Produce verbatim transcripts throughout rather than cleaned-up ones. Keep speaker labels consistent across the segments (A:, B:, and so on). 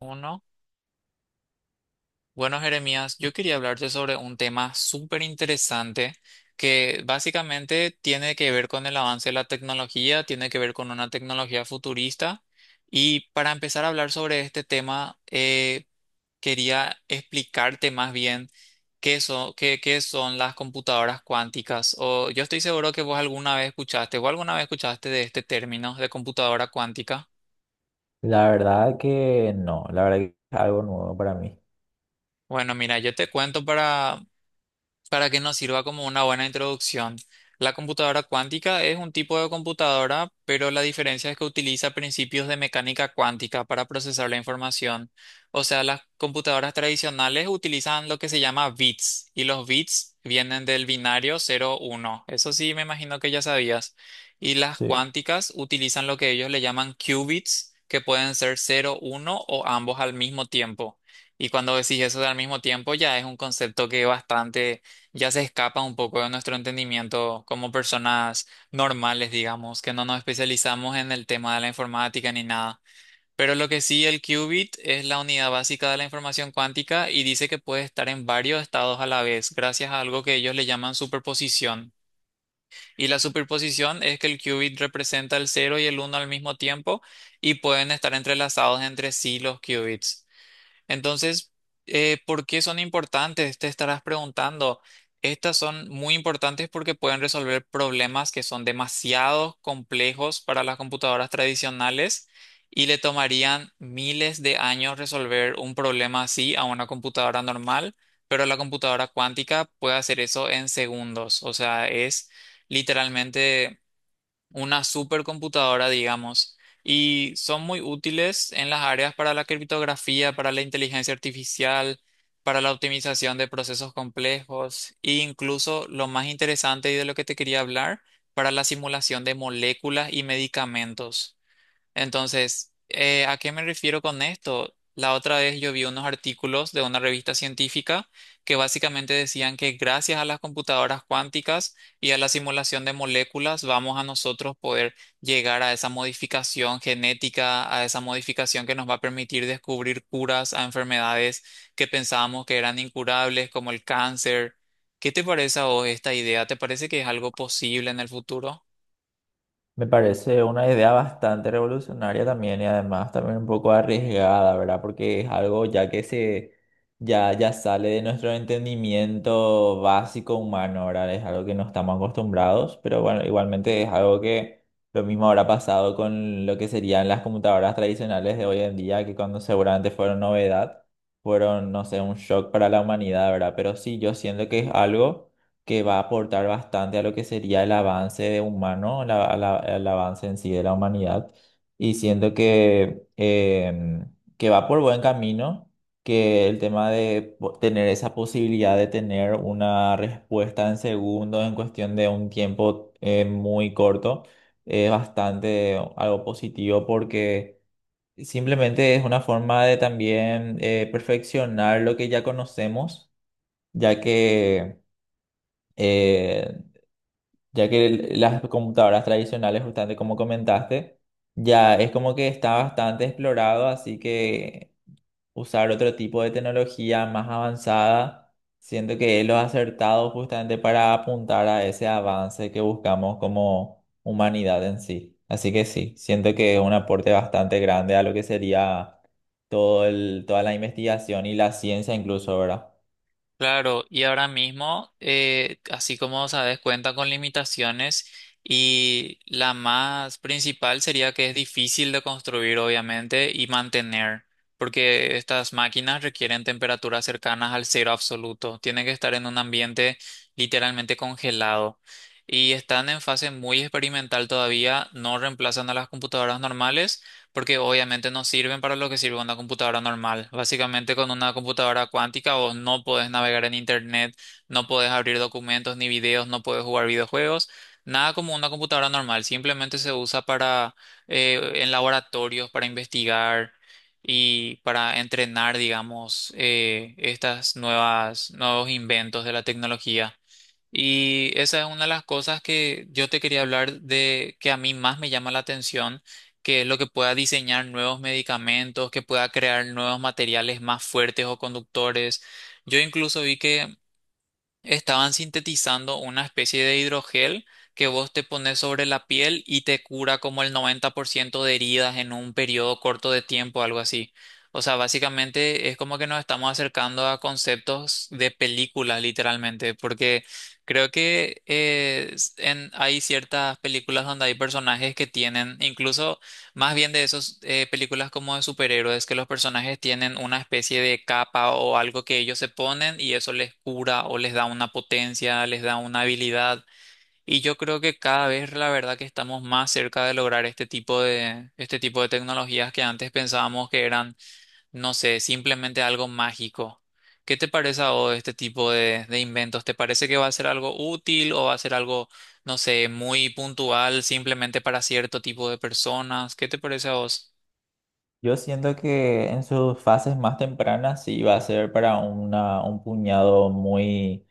A: Uno. Bueno, Jeremías, yo quería hablarte sobre un tema súper interesante que básicamente tiene que ver con el avance de la tecnología, tiene que ver con una tecnología futurista. Y para empezar a hablar sobre este tema, eh, quería explicarte más bien qué son, qué, qué son las computadoras cuánticas. O yo estoy seguro que vos alguna vez escuchaste o alguna vez escuchaste de este término de computadora cuántica.
B: La verdad que no, la verdad que es algo nuevo para mí.
A: Bueno, mira, yo te cuento para para que nos sirva como una buena introducción. La computadora cuántica es un tipo de computadora, pero la diferencia es que utiliza principios de mecánica cuántica para procesar la información. O sea, las computadoras tradicionales utilizan lo que se llama bits y los bits vienen del binario cero uno. Eso sí, me imagino que ya sabías. Y las
B: Sí,
A: cuánticas utilizan lo que ellos le llaman qubits, que pueden ser cero uno o ambos al mismo tiempo. Y cuando decís eso de al mismo tiempo, ya es un concepto que es bastante, ya se escapa un poco de nuestro entendimiento como personas normales, digamos, que no nos especializamos en el tema de la informática ni nada. Pero lo que sí, el qubit es la unidad básica de la información cuántica y dice que puede estar en varios estados a la vez, gracias a algo que ellos le llaman superposición. Y la superposición es que el qubit representa el cero y el uno al mismo tiempo y pueden estar entrelazados entre sí los qubits. Entonces, eh, ¿por qué son importantes? Te estarás preguntando. Estas son muy importantes porque pueden resolver problemas que son demasiado complejos para las computadoras tradicionales y le tomarían miles de años resolver un problema así a una computadora normal, pero la computadora cuántica puede hacer eso en segundos. O sea, es literalmente una supercomputadora, digamos, y son muy útiles en las áreas para la criptografía, para la inteligencia artificial, para la optimización de procesos complejos e incluso lo más interesante y de lo que te quería hablar, para la simulación de moléculas y medicamentos. Entonces, eh, ¿a qué me refiero con esto? La otra vez yo vi unos artículos de una revista científica que básicamente decían que gracias a las computadoras cuánticas y a la simulación de moléculas vamos a nosotros poder llegar a esa modificación genética, a esa modificación que nos va a permitir descubrir curas a enfermedades que pensábamos que eran incurables, como el cáncer. ¿Qué te parece a vos esta idea? ¿Te parece que es algo posible en el futuro?
B: me parece una idea bastante revolucionaria también y además también un poco arriesgada, ¿verdad? Porque es algo ya que se ya ya sale de nuestro entendimiento básico humano, ¿verdad? Es algo que no estamos acostumbrados, pero bueno, igualmente es algo que lo mismo habrá pasado con lo que serían las computadoras tradicionales de hoy en día, que cuando seguramente fueron novedad, fueron, no sé, un shock para la humanidad, ¿verdad? Pero sí, yo siento que es algo que va a aportar bastante a lo que sería el avance de humano, la- a la- al avance en sí de la humanidad. Y siento que, em, que va por buen camino, que el tema de po- tener esa posibilidad de tener una respuesta en segundos, en cuestión de un tiempo eh, muy corto, es bastante algo positivo porque simplemente es una forma de también eh, perfeccionar lo que ya conocemos, ya que eh, ya que el- las computadoras tradicionales, justamente como comentaste, ya es como que está bastante explorado, así que usar otro tipo de tecnología más avanzada, siento que es lo acertado justamente para apuntar a ese avance que buscamos como humanidad en sí. Así que sí, siento que es un aporte bastante grande a lo que sería todo el, toda la investigación y la ciencia incluso, ¿verdad?
A: Claro, y ahora mismo, eh, así como sabes, cuenta con limitaciones y la más principal sería que es difícil de construir, obviamente, y mantener, porque estas máquinas requieren temperaturas cercanas al cero absoluto, tienen que estar en un ambiente literalmente congelado y están en fase muy experimental todavía, no reemplazan a las computadoras normales porque obviamente no sirven para lo que sirve una computadora normal. Básicamente con una computadora cuántica vos no podés navegar en internet, no podés abrir documentos ni videos, no podés jugar videojuegos, nada como una computadora normal, simplemente se usa para eh, en laboratorios, para investigar y para entrenar, digamos, eh, estas nuevas, nuevos inventos de la tecnología. Y esa es una de las cosas que yo te quería hablar de que a mí más me llama la atención, que es lo que pueda diseñar nuevos medicamentos, que pueda crear nuevos materiales más fuertes o conductores. Yo incluso vi que estaban sintetizando una especie de hidrogel que vos te pones sobre la piel y te cura como el noventa por ciento de heridas en un periodo corto de tiempo, algo así. O sea, básicamente es como que nos estamos acercando a conceptos de películas, literalmente, porque creo que eh, s- en- hay ciertas películas donde hay personajes que tienen, incluso más bien de esas películas como de superhéroes, que los personajes tienen una especie de capa o algo que ellos se ponen y eso les cura o les da una potencia, les da una habilidad. Y yo creo que cada vez la verdad que estamos más cerca de lograr este tipo de, este tipo de tecnologías que antes pensábamos que eran, no sé, simplemente algo mágico. ¿Qué te parece a vos este tipo de, de inventos? ¿Te parece que va a ser algo útil o va a ser algo, no sé, muy puntual, simplemente para cierto tipo de personas? ¿Qué te parece a vos?
B: Yo siento que en sus fases más tempranas sí va a ser para una, un puñado muy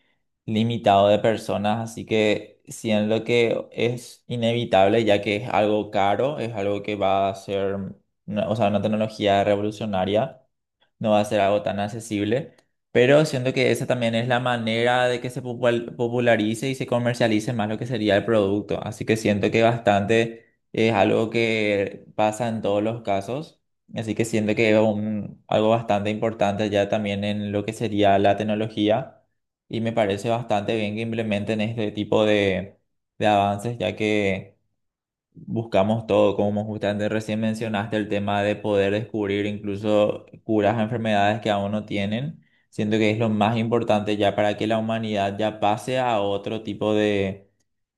B: limitado de personas, así que siendo que es inevitable, ya que es algo caro, es algo que va a ser, una- o sea, una tecnología revolucionaria, no va a ser algo tan accesible, pero siento que esa también es la manera de que se popul- popularice y se comercialice más lo que sería el producto. Así que siento que bastante es algo que pasa en todos los casos. Así que siento que es un- algo bastante importante ya también en lo que sería la tecnología y me parece bastante bien que implementen este tipo de, de avances, ya que buscamos todo, como justamente recién mencionaste, el tema de poder descubrir incluso curas a enfermedades que aún no tienen. Siento que es lo más importante ya para que la humanidad ya pase a otro tipo de,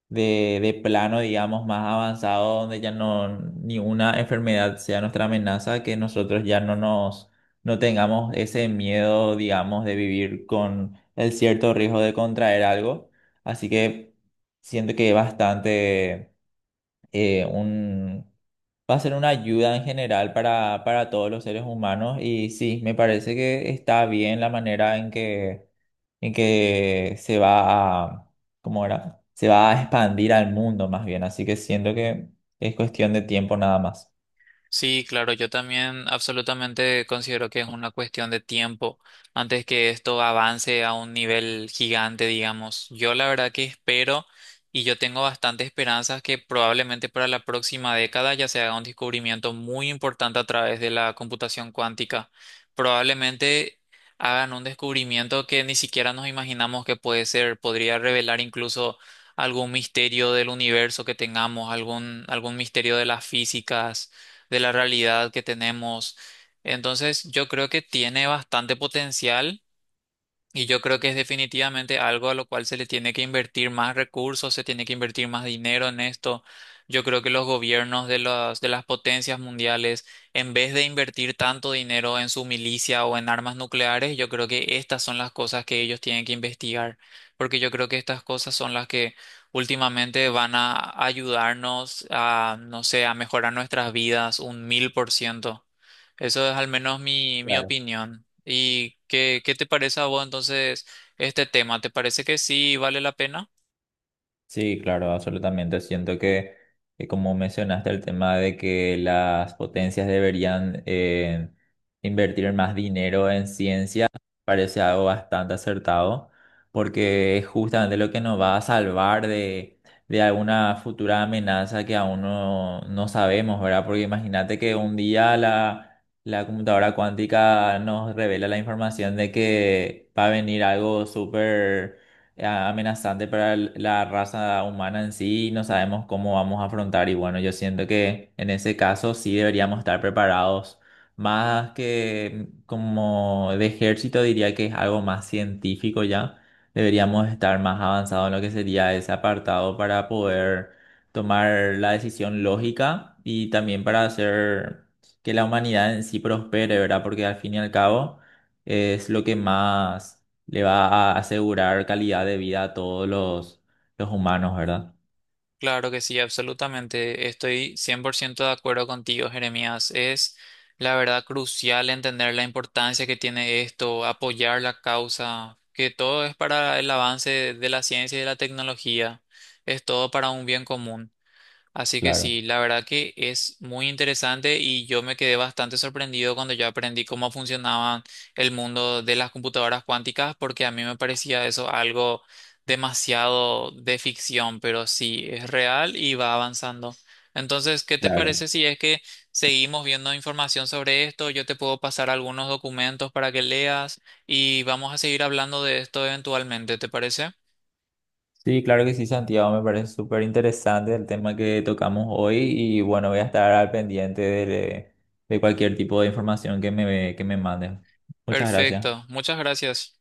B: de, de plano, digamos, más avanzado, donde ya no ni una enfermedad sea nuestra amenaza, que nosotros ya no nos no tengamos ese miedo, digamos, de vivir con el cierto riesgo de contraer algo. Así que siento que es bastante eh, un, va a ser una ayuda en general para, para todos los seres humanos y sí, me parece que está bien la manera en que, en que se va a, ¿cómo era? Se va a expandir al mundo más bien, así que siento que es cuestión de tiempo nada más.
A: Sí, claro, yo también absolutamente considero que es una cuestión de tiempo antes que esto avance a un nivel gigante, digamos. Yo la verdad que espero y yo tengo bastante esperanzas que probablemente para la próxima década ya se haga un descubrimiento muy importante a través de la computación cuántica. Probablemente hagan un descubrimiento que ni siquiera nos imaginamos que puede ser, podría revelar incluso algún misterio del universo que tengamos, algún, algún misterio de las físicas de la realidad que tenemos. Entonces, yo creo que tiene bastante potencial. Y yo creo que es definitivamente algo a lo cual se le tiene que invertir más recursos, se tiene que invertir más dinero en esto. Yo creo que los gobiernos de las, de las potencias mundiales, en vez de invertir tanto dinero en su milicia o en armas nucleares, yo creo que estas son las cosas que ellos tienen que investigar, porque yo creo que estas cosas son las que últimamente van a ayudarnos a, no sé, a mejorar nuestras vidas un mil por ciento. Eso es al menos mi, mi
B: Claro.
A: opinión. ¿Y qué, qué te parece a vos entonces este tema? ¿Te parece que sí vale la pena?
B: Sí, claro, absolutamente. Siento que, que como mencionaste, el tema de que las potencias deberían eh, invertir más dinero en ciencia parece algo bastante acertado, porque es justamente lo que nos va a salvar de, de alguna futura amenaza que aún no, no sabemos, ¿verdad? Porque imagínate que un día la, la computadora cuántica nos revela la información de que va a venir algo súper eh, amenazante para el- la raza humana en sí y no sabemos cómo vamos a afrontar. Y bueno, yo siento que en ese caso sí deberíamos estar preparados, más que como de ejército, diría que es algo más científico ya. Deberíamos estar más avanzados en lo que sería ese apartado para poder tomar la decisión lógica y también para hacer que la humanidad en sí prospere, ¿verdad? Porque al fin y al cabo es lo que más le va a asegurar calidad de vida a todos los, los humanos, ¿verdad?
A: Claro que sí, absolutamente. Estoy cien por ciento de acuerdo contigo, Jeremías. Es la verdad crucial entender la importancia que tiene esto, apoyar la causa, que todo es para el avance de la ciencia y de la tecnología. Es todo para un bien común. Así que
B: Claro,
A: sí, la verdad que es muy interesante y yo me quedé bastante sorprendido cuando yo aprendí cómo funcionaba el mundo de las computadoras cuánticas, porque a mí me parecía eso algo demasiado de ficción, pero sí, es real y va avanzando. Entonces, ¿qué te
B: claro.
A: parece si es que seguimos viendo información sobre esto? Yo te puedo pasar algunos documentos para que leas y vamos a seguir hablando de esto eventualmente, ¿te parece?
B: Sí, claro que sí, Santiago, me parece súper interesante el tema que tocamos hoy y bueno, voy a estar al pendiente de, de cualquier tipo de información que me, que me mandes. Muchas gracias.
A: Perfecto, muchas gracias.